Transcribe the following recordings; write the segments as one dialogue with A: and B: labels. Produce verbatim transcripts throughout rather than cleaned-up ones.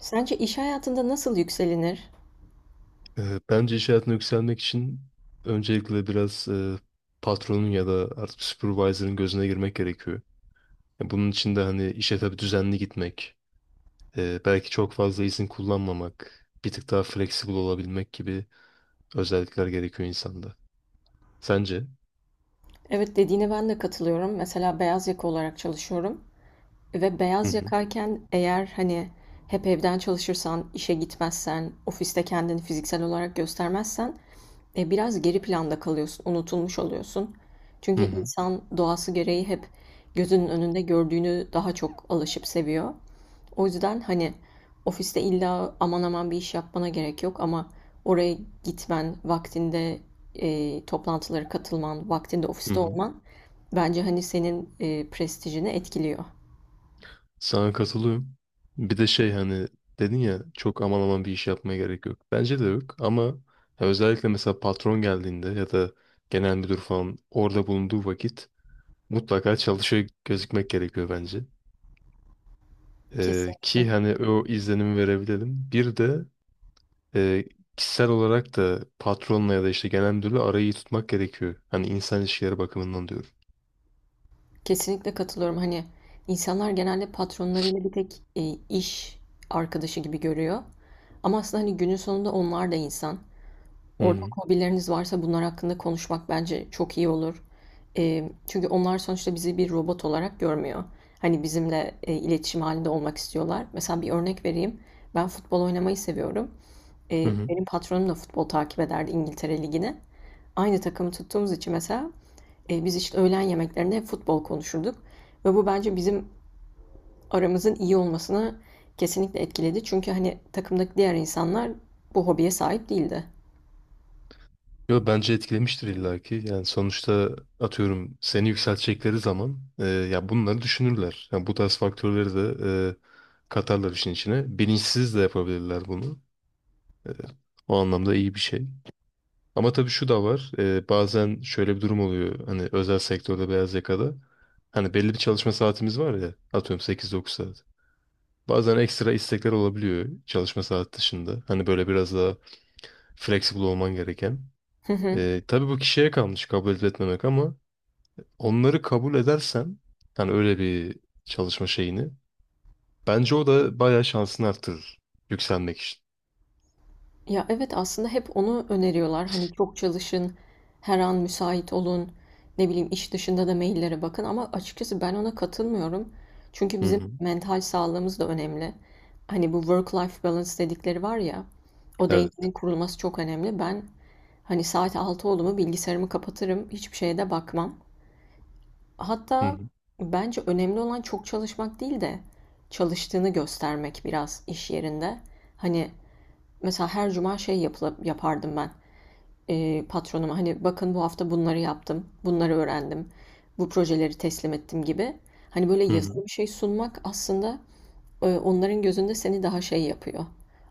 A: Sence iş hayatında nasıl yükselinir?
B: Ee, Bence iş hayatına yükselmek için öncelikle biraz e, patronun ya da artık supervisor'ın gözüne girmek gerekiyor. Ya bunun için de hani işe tabii düzenli gitmek, e, belki çok fazla izin kullanmamak, bir tık daha flexible olabilmek gibi özellikler gerekiyor insanda. Sence?
A: Evet dediğine ben de katılıyorum. Mesela beyaz yaka olarak çalışıyorum. Ve
B: Hı
A: beyaz
B: hı.
A: yakayken eğer hani hep evden çalışırsan, işe gitmezsen, ofiste kendini fiziksel olarak göstermezsen e, biraz geri planda kalıyorsun, unutulmuş oluyorsun.
B: Hı
A: Çünkü
B: hı.
A: insan doğası gereği hep gözünün önünde gördüğünü daha çok alışıp seviyor. O yüzden hani ofiste illa aman aman bir iş yapmana gerek yok ama oraya gitmen, vaktinde e, toplantılara katılman, vaktinde
B: Hı
A: ofiste
B: hı.
A: olman bence hani senin e, prestijini etkiliyor.
B: Sana katılıyorum. Bir de şey hani dedin ya çok aman aman bir iş yapmaya gerek yok. Bence de yok ama ya özellikle mesela patron geldiğinde ya da genel müdür falan orada bulunduğu vakit mutlaka çalışıyor gözükmek gerekiyor bence. Ee,
A: Kesinlikle.
B: ki hani o izlenimi verebilelim. Bir de e, kişisel olarak da patronla ya da işte genel müdürle arayı iyi tutmak gerekiyor. Hani insan ilişkileri bakımından diyorum.
A: Kesinlikle katılıyorum. Hani insanlar genelde patronlarıyla bir tek e, iş arkadaşı gibi görüyor. Ama aslında hani günün sonunda onlar da insan.
B: Hı
A: Ortak
B: hı.
A: hobileriniz varsa bunlar hakkında konuşmak bence çok iyi olur. Eee, çünkü onlar sonuçta bizi bir robot olarak görmüyor. Hani bizimle e, iletişim halinde olmak istiyorlar. Mesela bir örnek vereyim. Ben futbol oynamayı seviyorum.
B: Hı
A: Eee,
B: hı.
A: benim patronum da futbol takip ederdi İngiltere Ligi'ni. Aynı takımı tuttuğumuz için mesela e, biz işte öğlen yemeklerinde hep futbol konuşurduk. Ve bu bence bizim aramızın iyi olmasını kesinlikle etkiledi. Çünkü hani takımdaki diğer insanlar bu hobiye sahip değildi.
B: Yo, bence etkilemiştir illaki. Yani sonuçta atıyorum seni yükseltecekleri zaman e, ya bunları düşünürler. Yani bu tarz faktörleri de e, katarlar işin içine. Bilinçsiz de yapabilirler bunu. E, O anlamda iyi bir şey. Ama tabii şu da var. E, bazen şöyle bir durum oluyor. Hani özel sektörde beyaz yakada. Hani belli bir çalışma saatimiz var ya. Atıyorum sekiz dokuz saat. Bazen ekstra istekler olabiliyor çalışma saat dışında. Hani böyle biraz daha flexible olman gereken. E, tabii bu kişiye kalmış kabul edip etmemek ama onları kabul edersen hani öyle bir çalışma şeyini bence o da bayağı şansını arttırır yükselmek için.
A: Ya evet aslında hep onu öneriyorlar. Hani çok çalışın, her an müsait olun, ne bileyim iş dışında da maillere bakın ama açıkçası ben ona katılmıyorum. Çünkü
B: Hı
A: bizim
B: hı.
A: mental sağlığımız da önemli. Hani bu work-life balance dedikleri var ya, o
B: Evet.
A: dengenin kurulması çok önemli. Ben hani saat altı oldu mu bilgisayarımı kapatırım, hiçbir şeye de bakmam.
B: Hı
A: Hatta
B: hı.
A: bence önemli olan çok çalışmak değil de çalıştığını göstermek biraz iş yerinde. Hani Mesela her cuma şey yapıla, yapardım ben e, patronuma hani bakın bu hafta bunları yaptım, bunları öğrendim, bu projeleri teslim ettim gibi. Hani böyle
B: Hı hı.
A: yazılı bir şey sunmak aslında e, onların gözünde seni daha şey yapıyor.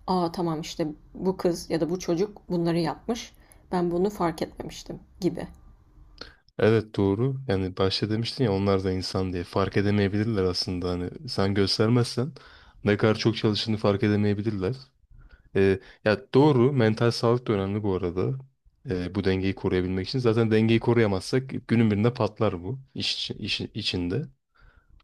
A: Aa tamam işte bu kız ya da bu çocuk bunları yapmış, ben bunu fark etmemiştim gibi.
B: Evet, doğru. Yani başta demiştin ya onlar da insan diye. Fark edemeyebilirler aslında. Hani sen göstermezsen ne kadar çok çalıştığını fark edemeyebilirler. Ee, ya doğru. Mental sağlık da önemli bu arada. Ee, bu dengeyi koruyabilmek için. Zaten dengeyi koruyamazsak günün birinde patlar bu iş, iş içinde.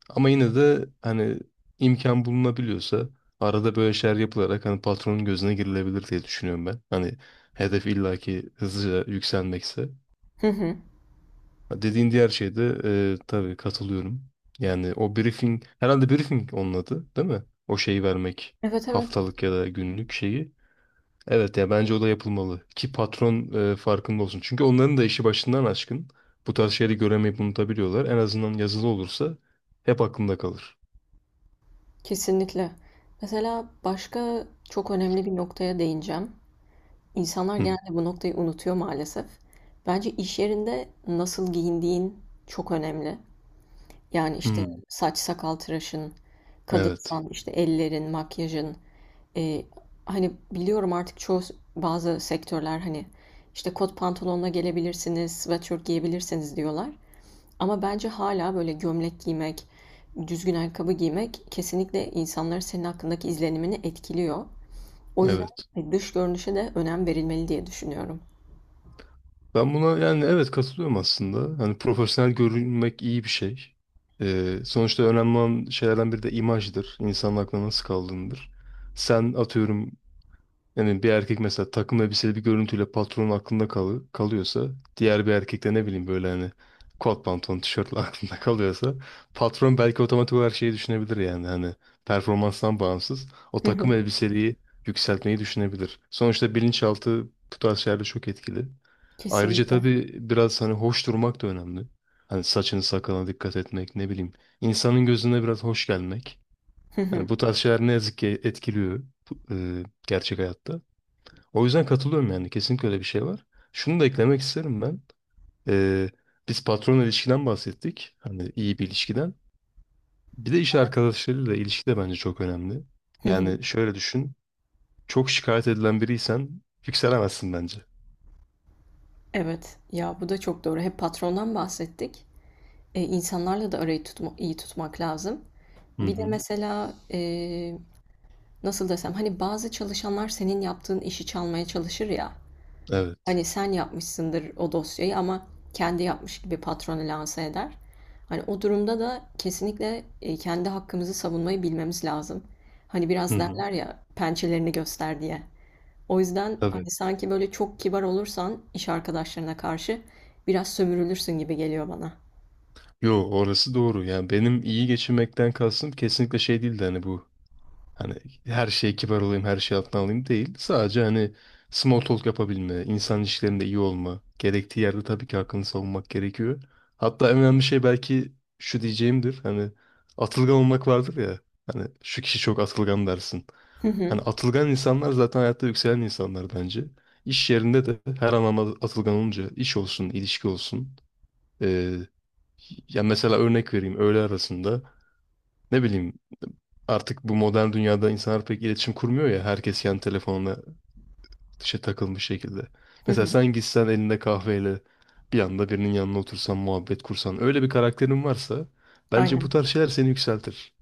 B: Ama yine de hani imkan bulunabiliyorsa arada böyle şeyler yapılarak hani patronun gözüne girilebilir diye düşünüyorum ben. Hani hedef illaki hızlıca yükselmekse.
A: Hı hı.
B: Dediğin diğer şeyde e, tabii katılıyorum. Yani o briefing, herhalde briefing onun adı, değil mi? O şeyi vermek,
A: Evet, evet,
B: haftalık ya da günlük şeyi. Evet, ya bence o da yapılmalı ki patron e, farkında olsun. Çünkü onların da işi başından aşkın. Bu tarz şeyleri göremeyip unutabiliyorlar. En azından yazılı olursa hep aklında kalır.
A: kesinlikle. Mesela başka çok önemli bir noktaya değineceğim. İnsanlar
B: Hı.
A: genelde bu noktayı unutuyor maalesef. Bence iş yerinde nasıl giyindiğin çok önemli. Yani işte
B: Hı.
A: saç sakal tıraşın,
B: Evet.
A: kadınsan işte ellerin, makyajın. Ee, hani biliyorum artık çoğu bazı sektörler hani işte kot pantolonla gelebilirsiniz, sweatshirt giyebilirsiniz diyorlar. Ama bence hala böyle gömlek giymek, düzgün ayakkabı giymek kesinlikle insanların senin hakkındaki izlenimini etkiliyor. O yüzden
B: Evet.
A: e, dış görünüşe de önem verilmeli diye düşünüyorum.
B: Ben buna yani evet katılıyorum aslında. Hani profesyonel görünmek iyi bir şey. Ee, sonuçta önemli olan şeylerden biri de imajdır. İnsanın aklına nasıl kaldığındır. Sen atıyorum yani bir erkek mesela takım elbiseli bir görüntüyle patronun aklında kalı kalıyorsa diğer bir erkek de ne bileyim böyle hani kot pantolon tişörtle aklında kalıyorsa patron belki otomatik olarak şeyi düşünebilir yani hani performanstan bağımsız o
A: Hı hı,
B: takım elbiseliği yükseltmeyi düşünebilir. Sonuçta bilinçaltı bu tarz şeylerde çok etkili. Ayrıca
A: kesinlikle.
B: tabii biraz hani hoş durmak da önemli. Hani saçını sakalına dikkat etmek, ne bileyim, insanın gözüne biraz hoş gelmek.
A: Hı hı,
B: Hani bu tarz şeyler ne yazık ki etkiliyor bu- e, gerçek hayatta. O yüzden katılıyorum yani. Kesinlikle öyle bir şey var. Şunu da eklemek isterim ben. Ee, Biz patron ilişkiden bahsettik. Hani iyi bir ilişkiden. Bir de iş arkadaşlarıyla ilişki de bence çok önemli.
A: hı hı.
B: Yani şöyle düşün. Çok şikayet edilen biriysen yükselemezsin bence.
A: Evet, ya bu da çok doğru. Hep patrondan bahsettik. E, insanlarla da arayı tutma, iyi tutmak lazım.
B: Hı
A: Bir de
B: hı.
A: mesela e, nasıl desem hani bazı çalışanlar senin yaptığın işi çalmaya çalışır ya.
B: Evet.
A: Hani sen yapmışsındır o dosyayı ama kendi yapmış gibi patronu lanse eder. Hani o durumda da kesinlikle e, kendi hakkımızı savunmayı bilmemiz lazım. Hani
B: Hı
A: biraz
B: hı.
A: derler ya pençelerini göster diye. O yüzden
B: Tabii.
A: hani sanki böyle çok kibar olursan iş arkadaşlarına karşı biraz sömürülürsün gibi geliyor bana.
B: Yo, orası doğru. Yani benim iyi geçinmekten kastım kesinlikle şey değildi hani bu, hani her şeye kibar olayım, her şeyi altına alayım değil. Sadece hani small talk yapabilme, insan ilişkilerinde iyi olma. Gerektiği yerde tabii ki hakkını savunmak gerekiyor. Hatta en önemli şey belki şu diyeceğimdir. Hani atılgan olmak vardır ya. Hani şu kişi çok atılgan dersin.
A: Hı hı,
B: Hani atılgan insanlar zaten hayatta yükselen insanlar bence. İş yerinde de her anlamda atılgan olunca iş olsun, ilişki olsun. Ee, Ya mesela örnek vereyim, öğle arasında, ne bileyim, artık bu modern dünyada insanlar pek iletişim kurmuyor ya. Herkes kendi telefonuna dışa takılmış şekilde.
A: hı
B: Mesela
A: hı.
B: sen gitsen elinde kahveyle bir anda birinin yanına otursan, muhabbet kursan. Öyle bir karakterin varsa bence bu
A: Aynen.
B: tarz şeyler seni yükseltir.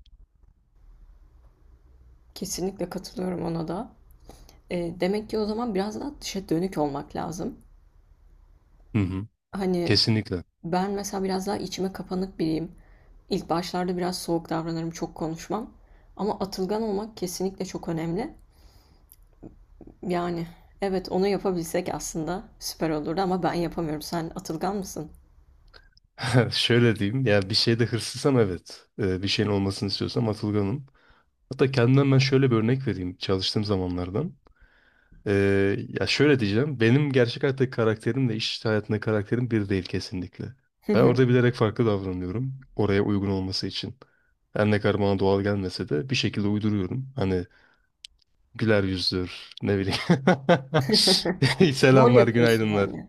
A: Kesinlikle katılıyorum ona da. E, demek ki o zaman biraz daha dışa dönük olmak lazım.
B: Hı hı.
A: Hani
B: Kesinlikle.
A: ben mesela biraz daha içime kapanık biriyim. İlk başlarda biraz soğuk davranırım, çok konuşmam. Ama atılgan olmak kesinlikle çok önemli. Yani evet onu yapabilsek aslında süper olurdu ama ben yapamıyorum. Sen atılgan mısın?
B: Şöyle diyeyim. Ya bir şeyde hırslısam evet. Ee, bir şeyin olmasını istiyorsam atılganım. Hatta kendimden ben şöyle bir örnek vereyim çalıştığım zamanlardan. Ee, ya şöyle diyeceğim. Benim gerçek hayattaki karakterimle iş hayatındaki karakterim bir değil kesinlikle. Ben orada bilerek farklı davranıyorum. Oraya uygun olması için. Her ne kadar bana doğal gelmese de bir şekilde uyduruyorum. Hani güler yüzdür, ne bileyim.
A: Rol
B: Selamlar,
A: yapıyorsun
B: günaydınlar.
A: yani.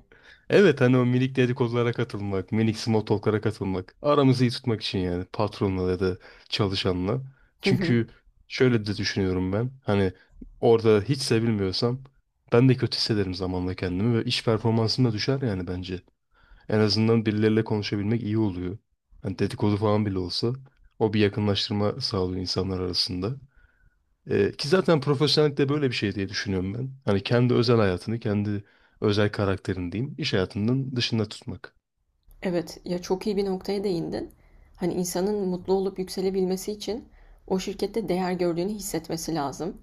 B: Evet, hani o minik dedikodulara katılmak, minik small talk'lara katılmak. Aramızı iyi tutmak için yani patronla ya da çalışanla.
A: Hı hı.
B: Çünkü şöyle de düşünüyorum ben. Hani orada hiç sevilmiyorsam ben de kötü hissederim zamanla kendimi ve iş performansım da düşer yani bence. En azından birileriyle konuşabilmek iyi oluyor. Hani dedikodu falan bile olsa o bir yakınlaştırma sağlıyor insanlar arasında. Ee, ki zaten profesyonellikte böyle bir şey diye düşünüyorum ben. Hani kendi özel hayatını, kendi özel karakterini diyeyim, iş hayatının dışında tutmak.
A: Evet, ya çok iyi bir noktaya değindin. Hani insanın mutlu olup yükselebilmesi için o şirkette değer gördüğünü hissetmesi lazım.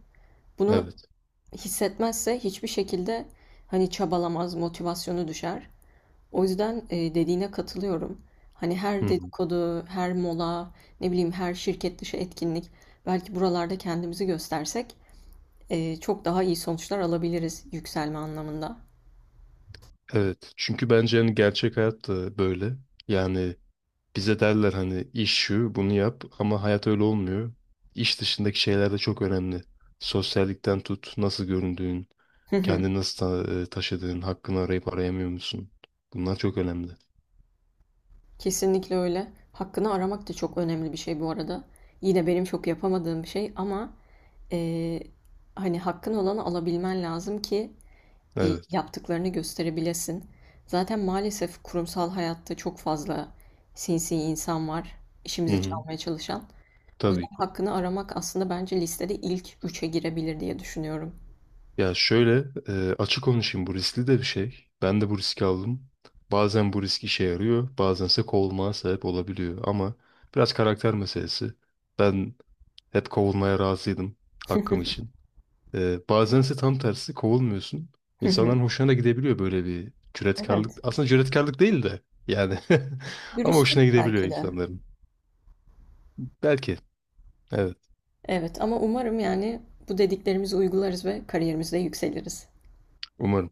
A: Bunu
B: Evet.
A: hissetmezse hiçbir şekilde hani çabalamaz, motivasyonu düşer. O yüzden e, dediğine katılıyorum. Hani
B: Hı
A: her
B: hı.
A: dedikodu, her mola, ne bileyim her şirket dışı etkinlik belki buralarda kendimizi göstersek e, çok daha iyi sonuçlar alabiliriz yükselme anlamında.
B: Evet. Çünkü bence hani gerçek hayat da böyle. Yani bize derler hani iş şu, bunu yap ama hayat öyle olmuyor. İş dışındaki şeyler de çok önemli. Sosyallikten tut, nasıl göründüğün, kendini nasıl ta- e, taşıdığın, hakkını arayıp arayamıyor musun? Bunlar çok önemli.
A: Kesinlikle öyle. Hakkını aramak da çok önemli bir şey bu arada. Yine benim çok yapamadığım bir şey ama eee, hani hakkın olanı alabilmen lazım ki e,
B: Evet.
A: yaptıklarını gösterebilesin. Zaten maalesef kurumsal hayatta çok fazla sinsi insan var,
B: Hı
A: işimizi
B: hı.
A: çalmaya çalışan. O
B: Tabii
A: yüzden
B: ki.
A: hakkını aramak aslında bence listede ilk üçe girebilir diye düşünüyorum.
B: Ya şöyle e, açık konuşayım, bu riskli de bir şey. Ben de bu riski aldım. Bazen bu risk işe yarıyor, bazense kovulmaya sebep olabiliyor. Ama biraz karakter meselesi. Ben hep kovulmaya razıydım hakkım için. E, bazense tam tersi kovulmuyorsun.
A: Hı hı.
B: İnsanların hoşuna da gidebiliyor böyle bir cüretkarlık.
A: Evet.
B: Aslında cüretkarlık değil de yani ama
A: Dürüstlük
B: hoşuna gidebiliyor
A: belki de.
B: insanların. Belki. Evet,
A: Evet ama umarım yani bu dediklerimizi uygularız ve kariyerimizde yükseliriz.
B: umarım.